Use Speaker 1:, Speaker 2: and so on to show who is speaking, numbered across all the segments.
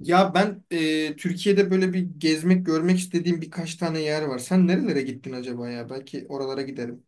Speaker 1: Ya ben Türkiye'de böyle bir gezmek, görmek istediğim birkaç tane yer var. Sen nerelere gittin acaba ya? Belki oralara giderim.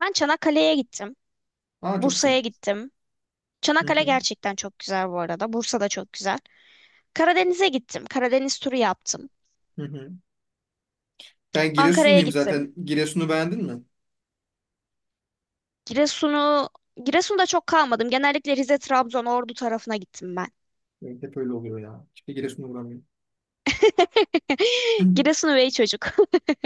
Speaker 2: Ben Çanakkale'ye gittim.
Speaker 1: Aa, çok güzel.
Speaker 2: Bursa'ya gittim.
Speaker 1: Hı
Speaker 2: Çanakkale
Speaker 1: hı,
Speaker 2: gerçekten çok güzel bu arada. Bursa da çok güzel. Karadeniz'e gittim. Karadeniz turu yaptım.
Speaker 1: hı hı. Ben
Speaker 2: Ankara'ya
Speaker 1: Giresunluyum
Speaker 2: gittim.
Speaker 1: zaten. Giresun'u beğendin mi?
Speaker 2: Giresun'u Giresun'da çok kalmadım. Genellikle Rize, Trabzon, Ordu tarafına gittim ben.
Speaker 1: Evet, hep öyle oluyor ya. Hiçbir Giresun'a uğramıyorum.
Speaker 2: Giresun üvey çocuk.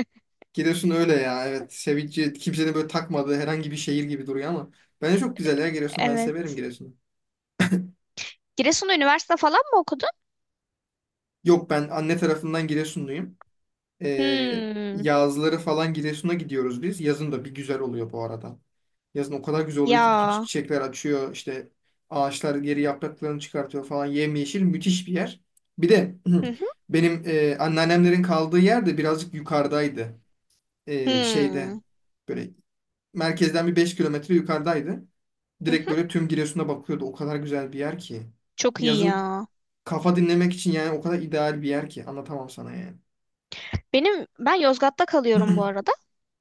Speaker 1: Giresun öyle ya. Evet. Sevinci kimsenin böyle takmadığı herhangi bir şehir gibi duruyor ama bence çok güzel ya Giresun. Ben severim
Speaker 2: Evet.
Speaker 1: Giresun'u.
Speaker 2: Giresun'da üniversite falan mı okudun?
Speaker 1: Yok, ben anne tarafından Giresunluyum. Ee,
Speaker 2: Hmm.
Speaker 1: yazları falan Giresun'a gidiyoruz biz. Yazın da bir güzel oluyor bu arada. Yazın o kadar güzel oluyor ki bütün
Speaker 2: Ya.
Speaker 1: çiçekler açıyor. İşte ağaçlar geri yapraklarını çıkartıyor falan. Yemyeşil, müthiş bir yer. Bir de
Speaker 2: Hı hı.
Speaker 1: benim anneannemlerin kaldığı yer de birazcık yukarıdaydı. Şeyde
Speaker 2: Hmm.
Speaker 1: böyle merkezden bir 5 kilometre yukarıdaydı.
Speaker 2: Hı
Speaker 1: Direkt
Speaker 2: hı.
Speaker 1: böyle tüm Giresun'a bakıyordu. O kadar güzel bir yer ki.
Speaker 2: Çok iyi
Speaker 1: Yazın
Speaker 2: ya.
Speaker 1: kafa dinlemek için yani o kadar ideal bir yer ki. Anlatamam sana yani.
Speaker 2: Benim ben Yozgat'ta kalıyorum bu arada.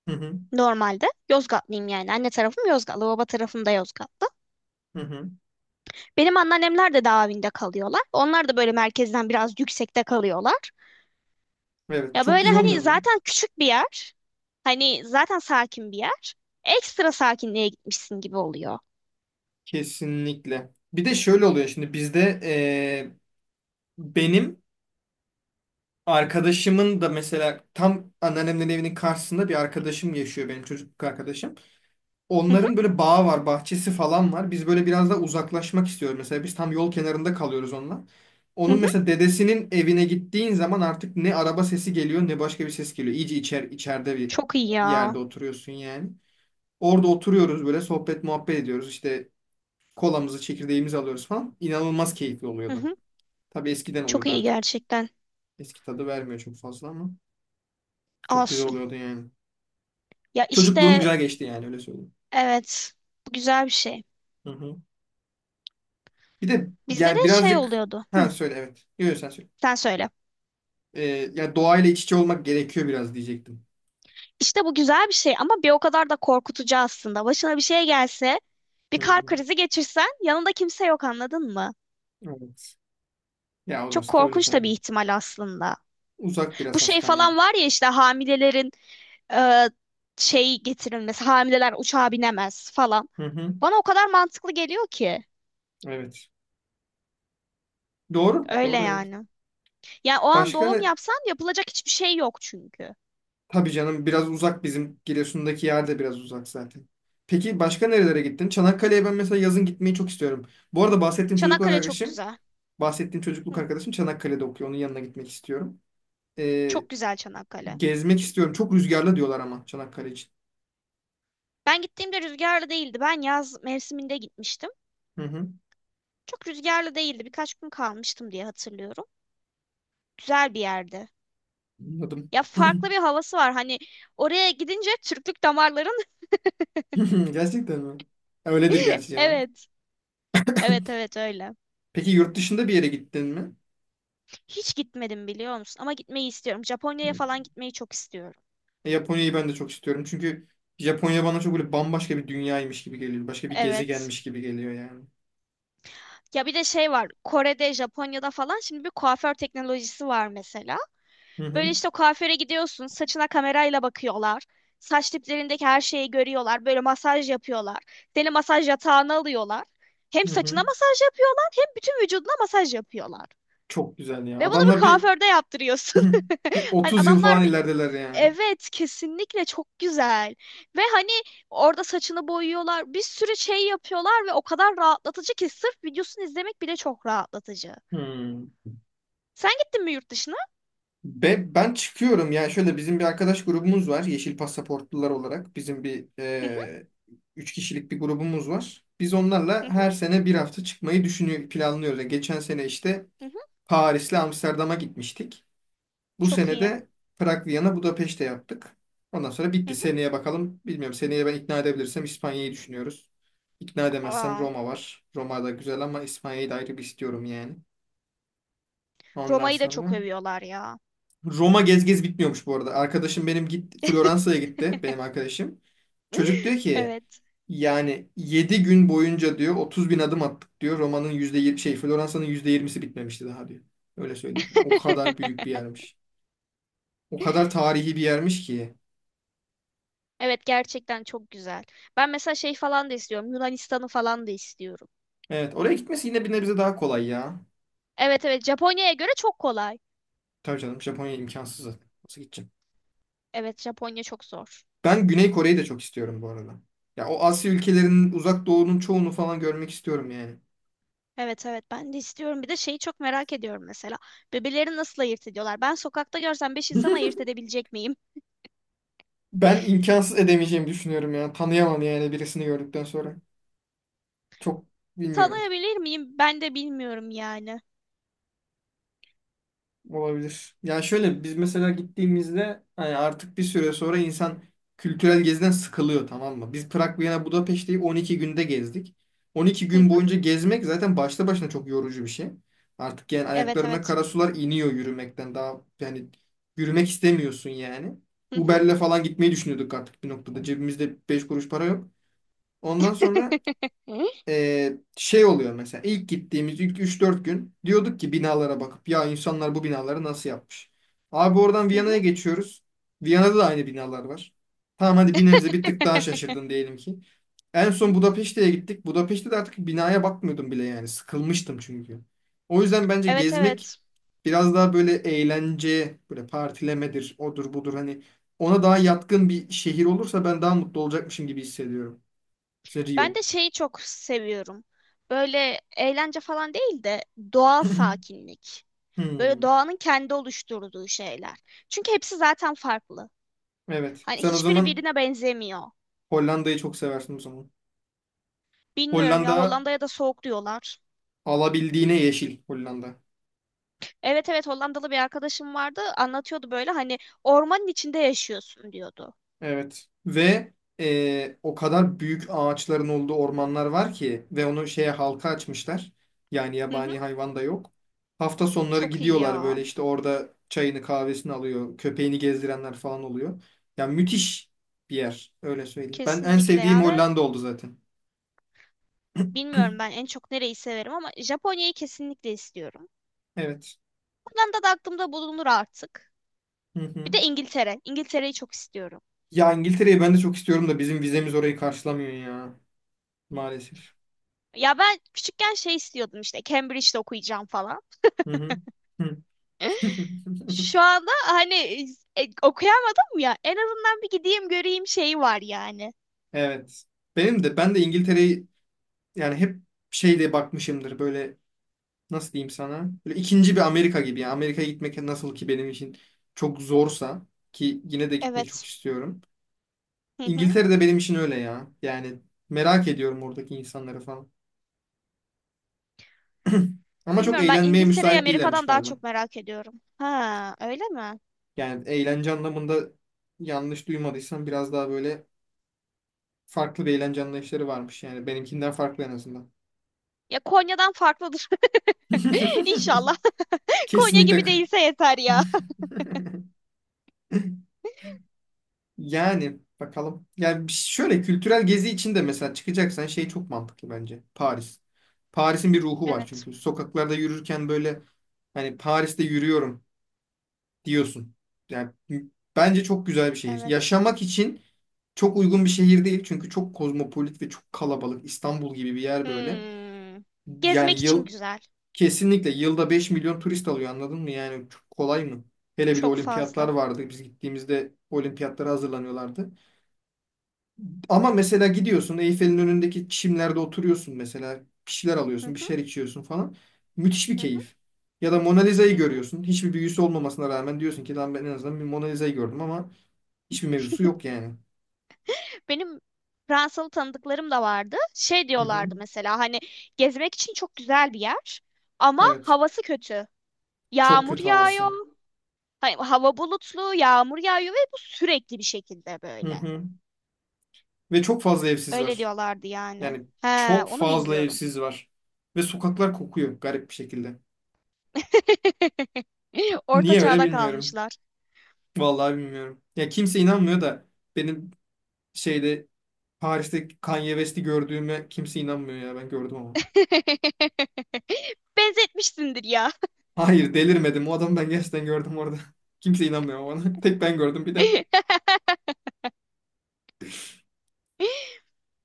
Speaker 1: Hı hı,
Speaker 2: Normalde Yozgatlıyım yani. Anne tarafım Yozgatlı, baba tarafım da Yozgatlı.
Speaker 1: hı hı.
Speaker 2: Benim anneannemler de Davin'de kalıyorlar. Onlar da böyle merkezden biraz yüksekte kalıyorlar.
Speaker 1: Evet,
Speaker 2: Ya
Speaker 1: çok
Speaker 2: böyle
Speaker 1: güzel olmuyor
Speaker 2: hani
Speaker 1: mu?
Speaker 2: zaten küçük bir yer. Hani zaten sakin bir yer. Ekstra sakinliğe gitmişsin gibi oluyor.
Speaker 1: Kesinlikle. Bir de şöyle oluyor şimdi bizde, benim arkadaşımın da mesela tam anneannemin evinin karşısında bir arkadaşım yaşıyor, benim çocukluk arkadaşım.
Speaker 2: Hı hı,
Speaker 1: Onların böyle bağı var, bahçesi falan var. Biz böyle biraz da uzaklaşmak istiyoruz. Mesela biz tam yol kenarında kalıyoruz onunla.
Speaker 2: hı
Speaker 1: Onun
Speaker 2: hı.
Speaker 1: mesela dedesinin evine gittiğin zaman artık ne araba sesi geliyor ne başka bir ses geliyor. İyice içer, içeride bir
Speaker 2: Çok iyi ya.
Speaker 1: yerde oturuyorsun yani. Orada oturuyoruz böyle sohbet muhabbet ediyoruz. İşte kolamızı, çekirdeğimizi alıyoruz falan. İnanılmaz keyifli
Speaker 2: Hı
Speaker 1: oluyordu.
Speaker 2: hı.
Speaker 1: Tabii, eskiden
Speaker 2: Çok
Speaker 1: oluyordu
Speaker 2: iyi
Speaker 1: artık.
Speaker 2: gerçekten.
Speaker 1: Eski tadı vermiyor çok fazla ama çok güzel
Speaker 2: Olsun.
Speaker 1: oluyordu yani.
Speaker 2: Ya
Speaker 1: Çocukluğum
Speaker 2: işte
Speaker 1: güzel geçti yani, öyle söyleyeyim.
Speaker 2: evet. Bu güzel bir şey.
Speaker 1: Hı hı. Bir de
Speaker 2: Bizde
Speaker 1: yani
Speaker 2: de şey
Speaker 1: birazcık,
Speaker 2: oluyordu.
Speaker 1: ha
Speaker 2: Hı,
Speaker 1: söyle, evet. Yok, sen söyle.
Speaker 2: sen söyle.
Speaker 1: Ee, ya doğayla iç içe olmak gerekiyor biraz diyecektim.
Speaker 2: İşte bu güzel bir şey ama bir o kadar da korkutucu aslında. Başına bir şey gelse, bir
Speaker 1: Hı
Speaker 2: kalp
Speaker 1: hı.
Speaker 2: krizi geçirsen yanında kimse yok, anladın mı?
Speaker 1: Evet. Ya
Speaker 2: Çok
Speaker 1: orası da öyle
Speaker 2: korkunç da
Speaker 1: tabii.
Speaker 2: bir ihtimal aslında.
Speaker 1: Uzak
Speaker 2: Bu
Speaker 1: biraz
Speaker 2: şey
Speaker 1: hastaneye.
Speaker 2: falan var ya, işte hamilelerin e, şey getirilmesi, hamileler uçağa binemez falan.
Speaker 1: Hı hı.
Speaker 2: Bana o kadar mantıklı geliyor ki.
Speaker 1: Evet. Doğru.
Speaker 2: Öyle
Speaker 1: Doğru, evet.
Speaker 2: yani. Yani o an
Speaker 1: Başka
Speaker 2: doğum
Speaker 1: ne?
Speaker 2: yapsan yapılacak hiçbir şey yok çünkü.
Speaker 1: Tabii canım, biraz uzak bizim Giresun'daki yer de biraz uzak zaten. Peki başka nerelere gittin? Çanakkale'ye ben mesela yazın gitmeyi çok istiyorum. Bu arada
Speaker 2: Çanakkale çok güzel.
Speaker 1: bahsettiğim çocukluk
Speaker 2: Hı,
Speaker 1: arkadaşım Çanakkale'de okuyor. Onun yanına gitmek istiyorum. Ee,
Speaker 2: çok güzel Çanakkale.
Speaker 1: gezmek istiyorum. Çok rüzgarlı diyorlar ama Çanakkale için.
Speaker 2: Ben gittiğimde rüzgarlı değildi. Ben yaz mevsiminde gitmiştim.
Speaker 1: Hı hı.
Speaker 2: Çok rüzgarlı değildi. Birkaç gün kalmıştım diye hatırlıyorum. Güzel bir yerdi.
Speaker 1: Anladım.
Speaker 2: Ya farklı bir havası var. Hani oraya gidince Türklük damarların
Speaker 1: Gerçekten mi? Ya öyledir gerçi canım.
Speaker 2: Evet. Evet evet öyle.
Speaker 1: Peki yurt dışında bir yere gittin mi?
Speaker 2: Hiç gitmedim biliyor musun? Ama gitmeyi istiyorum. Japonya'ya
Speaker 1: Hı.
Speaker 2: falan gitmeyi çok istiyorum.
Speaker 1: Japonya'yı ben de çok istiyorum. Çünkü Japonya bana çok böyle bambaşka bir dünyaymış gibi geliyor. Başka bir
Speaker 2: Evet.
Speaker 1: gezegenmiş gibi geliyor yani.
Speaker 2: Ya bir de şey var. Kore'de, Japonya'da falan şimdi bir kuaför teknolojisi var mesela.
Speaker 1: Hı
Speaker 2: Böyle
Speaker 1: hı.
Speaker 2: işte o kuaföre gidiyorsun, saçına kamerayla bakıyorlar. Saç diplerindeki her şeyi görüyorlar. Böyle masaj yapıyorlar. Seni masaj yatağına alıyorlar. Hem
Speaker 1: Hı hı.
Speaker 2: saçına masaj yapıyorlar, hem bütün vücuduna masaj yapıyorlar.
Speaker 1: Çok güzel ya.
Speaker 2: Ve bunu bir
Speaker 1: Adamlar bir
Speaker 2: kuaförde yaptırıyorsun.
Speaker 1: bir
Speaker 2: Hani
Speaker 1: 30 yıl
Speaker 2: adamlar
Speaker 1: falan
Speaker 2: bir
Speaker 1: ilerideler yani.
Speaker 2: evet, kesinlikle çok güzel. Ve hani orada saçını boyuyorlar. Bir sürü şey yapıyorlar ve o kadar rahatlatıcı ki sırf videosunu izlemek bile çok rahatlatıcı.
Speaker 1: Hmm.
Speaker 2: Sen gittin mi yurt dışına?
Speaker 1: Ben çıkıyorum yani, şöyle bizim bir arkadaş grubumuz var, yeşil pasaportlular olarak bizim bir
Speaker 2: Hı hı,
Speaker 1: 3 kişilik bir grubumuz var. Biz
Speaker 2: hı
Speaker 1: onlarla
Speaker 2: hı,
Speaker 1: her sene bir hafta çıkmayı düşünüyor planlıyoruz. Yani geçen sene işte
Speaker 2: hı hı.
Speaker 1: Paris'le Amsterdam'a gitmiştik. Bu
Speaker 2: Çok
Speaker 1: sene
Speaker 2: iyi.
Speaker 1: de Prag, Viyana, Budapeşte yaptık. Ondan sonra
Speaker 2: Hı
Speaker 1: bitti.
Speaker 2: hı.
Speaker 1: Seneye bakalım. Bilmiyorum. Seneye ben ikna edebilirsem İspanya'yı düşünüyoruz. İkna edemezsem
Speaker 2: Aa.
Speaker 1: Roma var. Roma da güzel ama İspanya'yı da ayrı bir istiyorum yani. Ondan
Speaker 2: Roma'yı da çok
Speaker 1: sonra
Speaker 2: övüyorlar ya.
Speaker 1: Roma gez gez bitmiyormuş bu arada. Arkadaşım benim gitti, Floransa'ya gitti benim arkadaşım.
Speaker 2: Evet.
Speaker 1: Çocuk diyor ki
Speaker 2: Evet.
Speaker 1: yani 7 gün boyunca diyor 30 bin adım attık diyor. Roma'nın yüzde yirmi şey, Floransa'nın %20'si bitmemişti daha diyor. Öyle söyleyeyim sana. O kadar büyük bir yermiş. O kadar tarihi bir yermiş ki.
Speaker 2: Evet, gerçekten çok güzel. Ben mesela şey falan da istiyorum. Yunanistan'ı falan da istiyorum.
Speaker 1: Evet, oraya gitmesi yine bir nebze daha kolay ya.
Speaker 2: Evet evet, Japonya'ya göre çok kolay.
Speaker 1: Tabii canım Japonya imkansız zaten. Nasıl gideceğim?
Speaker 2: Evet, Japonya çok zor.
Speaker 1: Ben Güney Kore'yi de çok istiyorum bu arada. Ya o Asya ülkelerinin, uzak doğunun çoğunu falan görmek istiyorum yani.
Speaker 2: Evet evet, ben de istiyorum. Bir de şeyi çok merak ediyorum mesela. Bebeleri nasıl ayırt ediyorlar? Ben sokakta görsem 5 insan ayırt edebilecek miyim?
Speaker 1: Ben imkansız edemeyeceğimi düşünüyorum ya. Tanıyamam yani birisini gördükten sonra. Çok bilmiyorum.
Speaker 2: Tanıyabilir miyim? Ben de bilmiyorum yani.
Speaker 1: Olabilir. Yani şöyle, biz mesela gittiğimizde hani artık bir süre sonra insan kültürel geziden sıkılıyor, tamam mı? Biz Prag, Viyana, Budapeşte'yi 12 günde gezdik. 12
Speaker 2: Hı
Speaker 1: gün
Speaker 2: hı.
Speaker 1: boyunca gezmek zaten başta başına çok yorucu bir şey. Artık yani
Speaker 2: Evet
Speaker 1: ayaklarına
Speaker 2: evet.
Speaker 1: kara sular iniyor yürümekten. Daha yani yürümek istemiyorsun yani.
Speaker 2: Hı hı.
Speaker 1: Uber'le falan gitmeyi düşünüyorduk artık bir noktada. Cebimizde 5 kuruş para yok. Ondan sonra
Speaker 2: Hı?
Speaker 1: şey oluyor mesela ilk gittiğimiz ilk üç dört gün diyorduk ki binalara bakıp ya insanlar bu binaları nasıl yapmış? Abi oradan
Speaker 2: Hı hı.
Speaker 1: Viyana'ya geçiyoruz. Viyana'da da aynı binalar var. Tamam, hadi bir nebze bir tık daha şaşırdın diyelim ki. En son Budapeşte'ye gittik. Budapeşte de artık binaya bakmıyordum bile yani. Sıkılmıştım çünkü. O yüzden bence
Speaker 2: Evet
Speaker 1: gezmek
Speaker 2: evet.
Speaker 1: biraz daha böyle eğlence, böyle partilemedir, odur budur, hani ona daha yatkın bir şehir olursa ben daha mutlu olacakmışım gibi hissediyorum. İşte
Speaker 2: Ben
Speaker 1: Rio.
Speaker 2: de şeyi çok seviyorum. Böyle eğlence falan değil de doğal sakinlik. Böyle
Speaker 1: Hmm.
Speaker 2: doğanın kendi oluşturduğu şeyler. Çünkü hepsi zaten farklı.
Speaker 1: Evet.
Speaker 2: Hani
Speaker 1: Sen o
Speaker 2: hiçbiri
Speaker 1: zaman
Speaker 2: birine benzemiyor.
Speaker 1: Hollanda'yı çok seversin o zaman.
Speaker 2: Bilmiyorum ya,
Speaker 1: Hollanda
Speaker 2: Hollanda'ya da soğuk diyorlar.
Speaker 1: alabildiğine yeşil Hollanda.
Speaker 2: Evet evet, Hollandalı bir arkadaşım vardı, anlatıyordu böyle hani ormanın içinde yaşıyorsun diyordu.
Speaker 1: Evet. Ve o kadar büyük ağaçların olduğu ormanlar var ki ve onu şeye halka açmışlar. Yani
Speaker 2: Hı hı,
Speaker 1: yabani hayvan da yok. Hafta sonları
Speaker 2: çok iyi
Speaker 1: gidiyorlar böyle,
Speaker 2: ya.
Speaker 1: işte orada çayını kahvesini alıyor. Köpeğini gezdirenler falan oluyor. Yani müthiş bir yer öyle söyleyeyim. Ben en
Speaker 2: Kesinlikle
Speaker 1: sevdiğim
Speaker 2: ya ve
Speaker 1: Hollanda oldu zaten.
Speaker 2: bilmiyorum ben en çok nereyi severim ama Japonya'yı kesinlikle istiyorum.
Speaker 1: Evet.
Speaker 2: Hollanda da aklımda bulunur artık.
Speaker 1: Hı
Speaker 2: Bir
Speaker 1: hı.
Speaker 2: de İngiltere. İngiltere'yi çok istiyorum.
Speaker 1: Ya İngiltere'yi ben de çok istiyorum da bizim vizemiz orayı karşılamıyor ya. Maalesef.
Speaker 2: Ya ben küçükken şey istiyordum, işte Cambridge'de okuyacağım falan.
Speaker 1: Hı hı. Hı.
Speaker 2: Şu anda hani okuyamadım ya. En azından bir gideyim göreyim şeyi var yani.
Speaker 1: Evet. Benim de İngiltere'yi yani hep şey diye bakmışımdır böyle, nasıl diyeyim sana? Böyle ikinci bir Amerika gibi. Yani Amerika'ya gitmek nasıl ki benim için çok zorsa, ki yine de gitmek çok
Speaker 2: Evet.
Speaker 1: istiyorum.
Speaker 2: Hı hı.
Speaker 1: İngiltere de benim için öyle ya. Yani merak ediyorum oradaki insanları falan. Ama çok
Speaker 2: Bilmiyorum, ben
Speaker 1: eğlenmeye
Speaker 2: İngiltere'yi
Speaker 1: müsait değillermiş
Speaker 2: Amerika'dan daha
Speaker 1: galiba.
Speaker 2: çok merak ediyorum. Ha, öyle mi?
Speaker 1: Yani eğlence anlamında yanlış duymadıysam biraz daha böyle farklı bir eğlence anlayışları varmış. Yani benimkinden farklı en azından.
Speaker 2: Ya Konya'dan farklıdır. İnşallah. Konya
Speaker 1: Kesinlikle.
Speaker 2: gibi değilse yeter ya.
Speaker 1: Yani bakalım. Yani şöyle kültürel gezi için de mesela çıkacaksan şey çok mantıklı bence. Paris. Paris'in bir ruhu var
Speaker 2: Evet.
Speaker 1: çünkü. Sokaklarda yürürken böyle, hani Paris'te yürüyorum diyorsun. Yani bence çok güzel bir şehir.
Speaker 2: Evet.
Speaker 1: Yaşamak için çok uygun bir şehir değil. Çünkü çok kozmopolit ve çok kalabalık. İstanbul gibi bir yer böyle.
Speaker 2: Hmm. Gezmek
Speaker 1: Yani
Speaker 2: için
Speaker 1: yıl
Speaker 2: güzel.
Speaker 1: Kesinlikle yılda 5 milyon turist alıyor, anladın mı? Yani çok kolay mı? Hele bir de
Speaker 2: Çok
Speaker 1: olimpiyatlar
Speaker 2: fazla.
Speaker 1: vardı. Biz gittiğimizde olimpiyatlara hazırlanıyorlardı. Ama mesela gidiyorsun Eyfel'in önündeki çimlerde oturuyorsun mesela. Bir şeyler
Speaker 2: Hı
Speaker 1: alıyorsun, bir
Speaker 2: hı,
Speaker 1: şeyler içiyorsun falan. Müthiş bir
Speaker 2: hı hı,
Speaker 1: keyif. Ya da Mona
Speaker 2: hı
Speaker 1: Lisa'yı
Speaker 2: hı.
Speaker 1: görüyorsun. Hiçbir büyüsü olmamasına rağmen diyorsun ki lan ben en azından bir Mona Lisa'yı gördüm ama hiçbir mevzusu yok yani.
Speaker 2: Benim Fransalı tanıdıklarım da vardı. Şey
Speaker 1: Hı hı.
Speaker 2: diyorlardı mesela, hani gezmek için çok güzel bir yer ama
Speaker 1: Evet.
Speaker 2: havası kötü.
Speaker 1: Çok
Speaker 2: Yağmur
Speaker 1: kötü havası.
Speaker 2: yağıyor. Hani hava bulutlu, yağmur yağıyor ve bu sürekli bir şekilde
Speaker 1: Hı
Speaker 2: böyle.
Speaker 1: hı. Ve çok fazla evsiz
Speaker 2: Öyle
Speaker 1: var.
Speaker 2: diyorlardı yani.
Speaker 1: Yani
Speaker 2: He,
Speaker 1: çok
Speaker 2: onu
Speaker 1: fazla
Speaker 2: bilmiyorum.
Speaker 1: evsiz var. Ve sokaklar kokuyor garip bir şekilde.
Speaker 2: Orta
Speaker 1: Niye öyle
Speaker 2: çağda
Speaker 1: bilmiyorum.
Speaker 2: kalmışlar.
Speaker 1: Vallahi bilmiyorum. Ya kimse inanmıyor da benim şeyde Paris'te Kanye West'i gördüğüme kimse inanmıyor ya, ben gördüm ama.
Speaker 2: Benzetmişsindir ya.
Speaker 1: Hayır, delirmedim. O adamı ben gerçekten gördüm orada. Kimse inanmıyor bana. Tek ben gördüm bir de.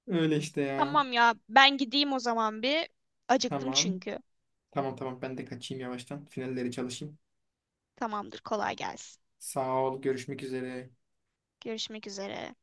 Speaker 1: Öyle işte ya.
Speaker 2: Tamam ya, ben gideyim o zaman bir. Acıktım
Speaker 1: Tamam.
Speaker 2: çünkü.
Speaker 1: Tamam tamam, ben de kaçayım yavaştan. Finalleri çalışayım.
Speaker 2: Tamamdır, kolay gelsin.
Speaker 1: Sağ ol. Görüşmek üzere.
Speaker 2: Görüşmek üzere.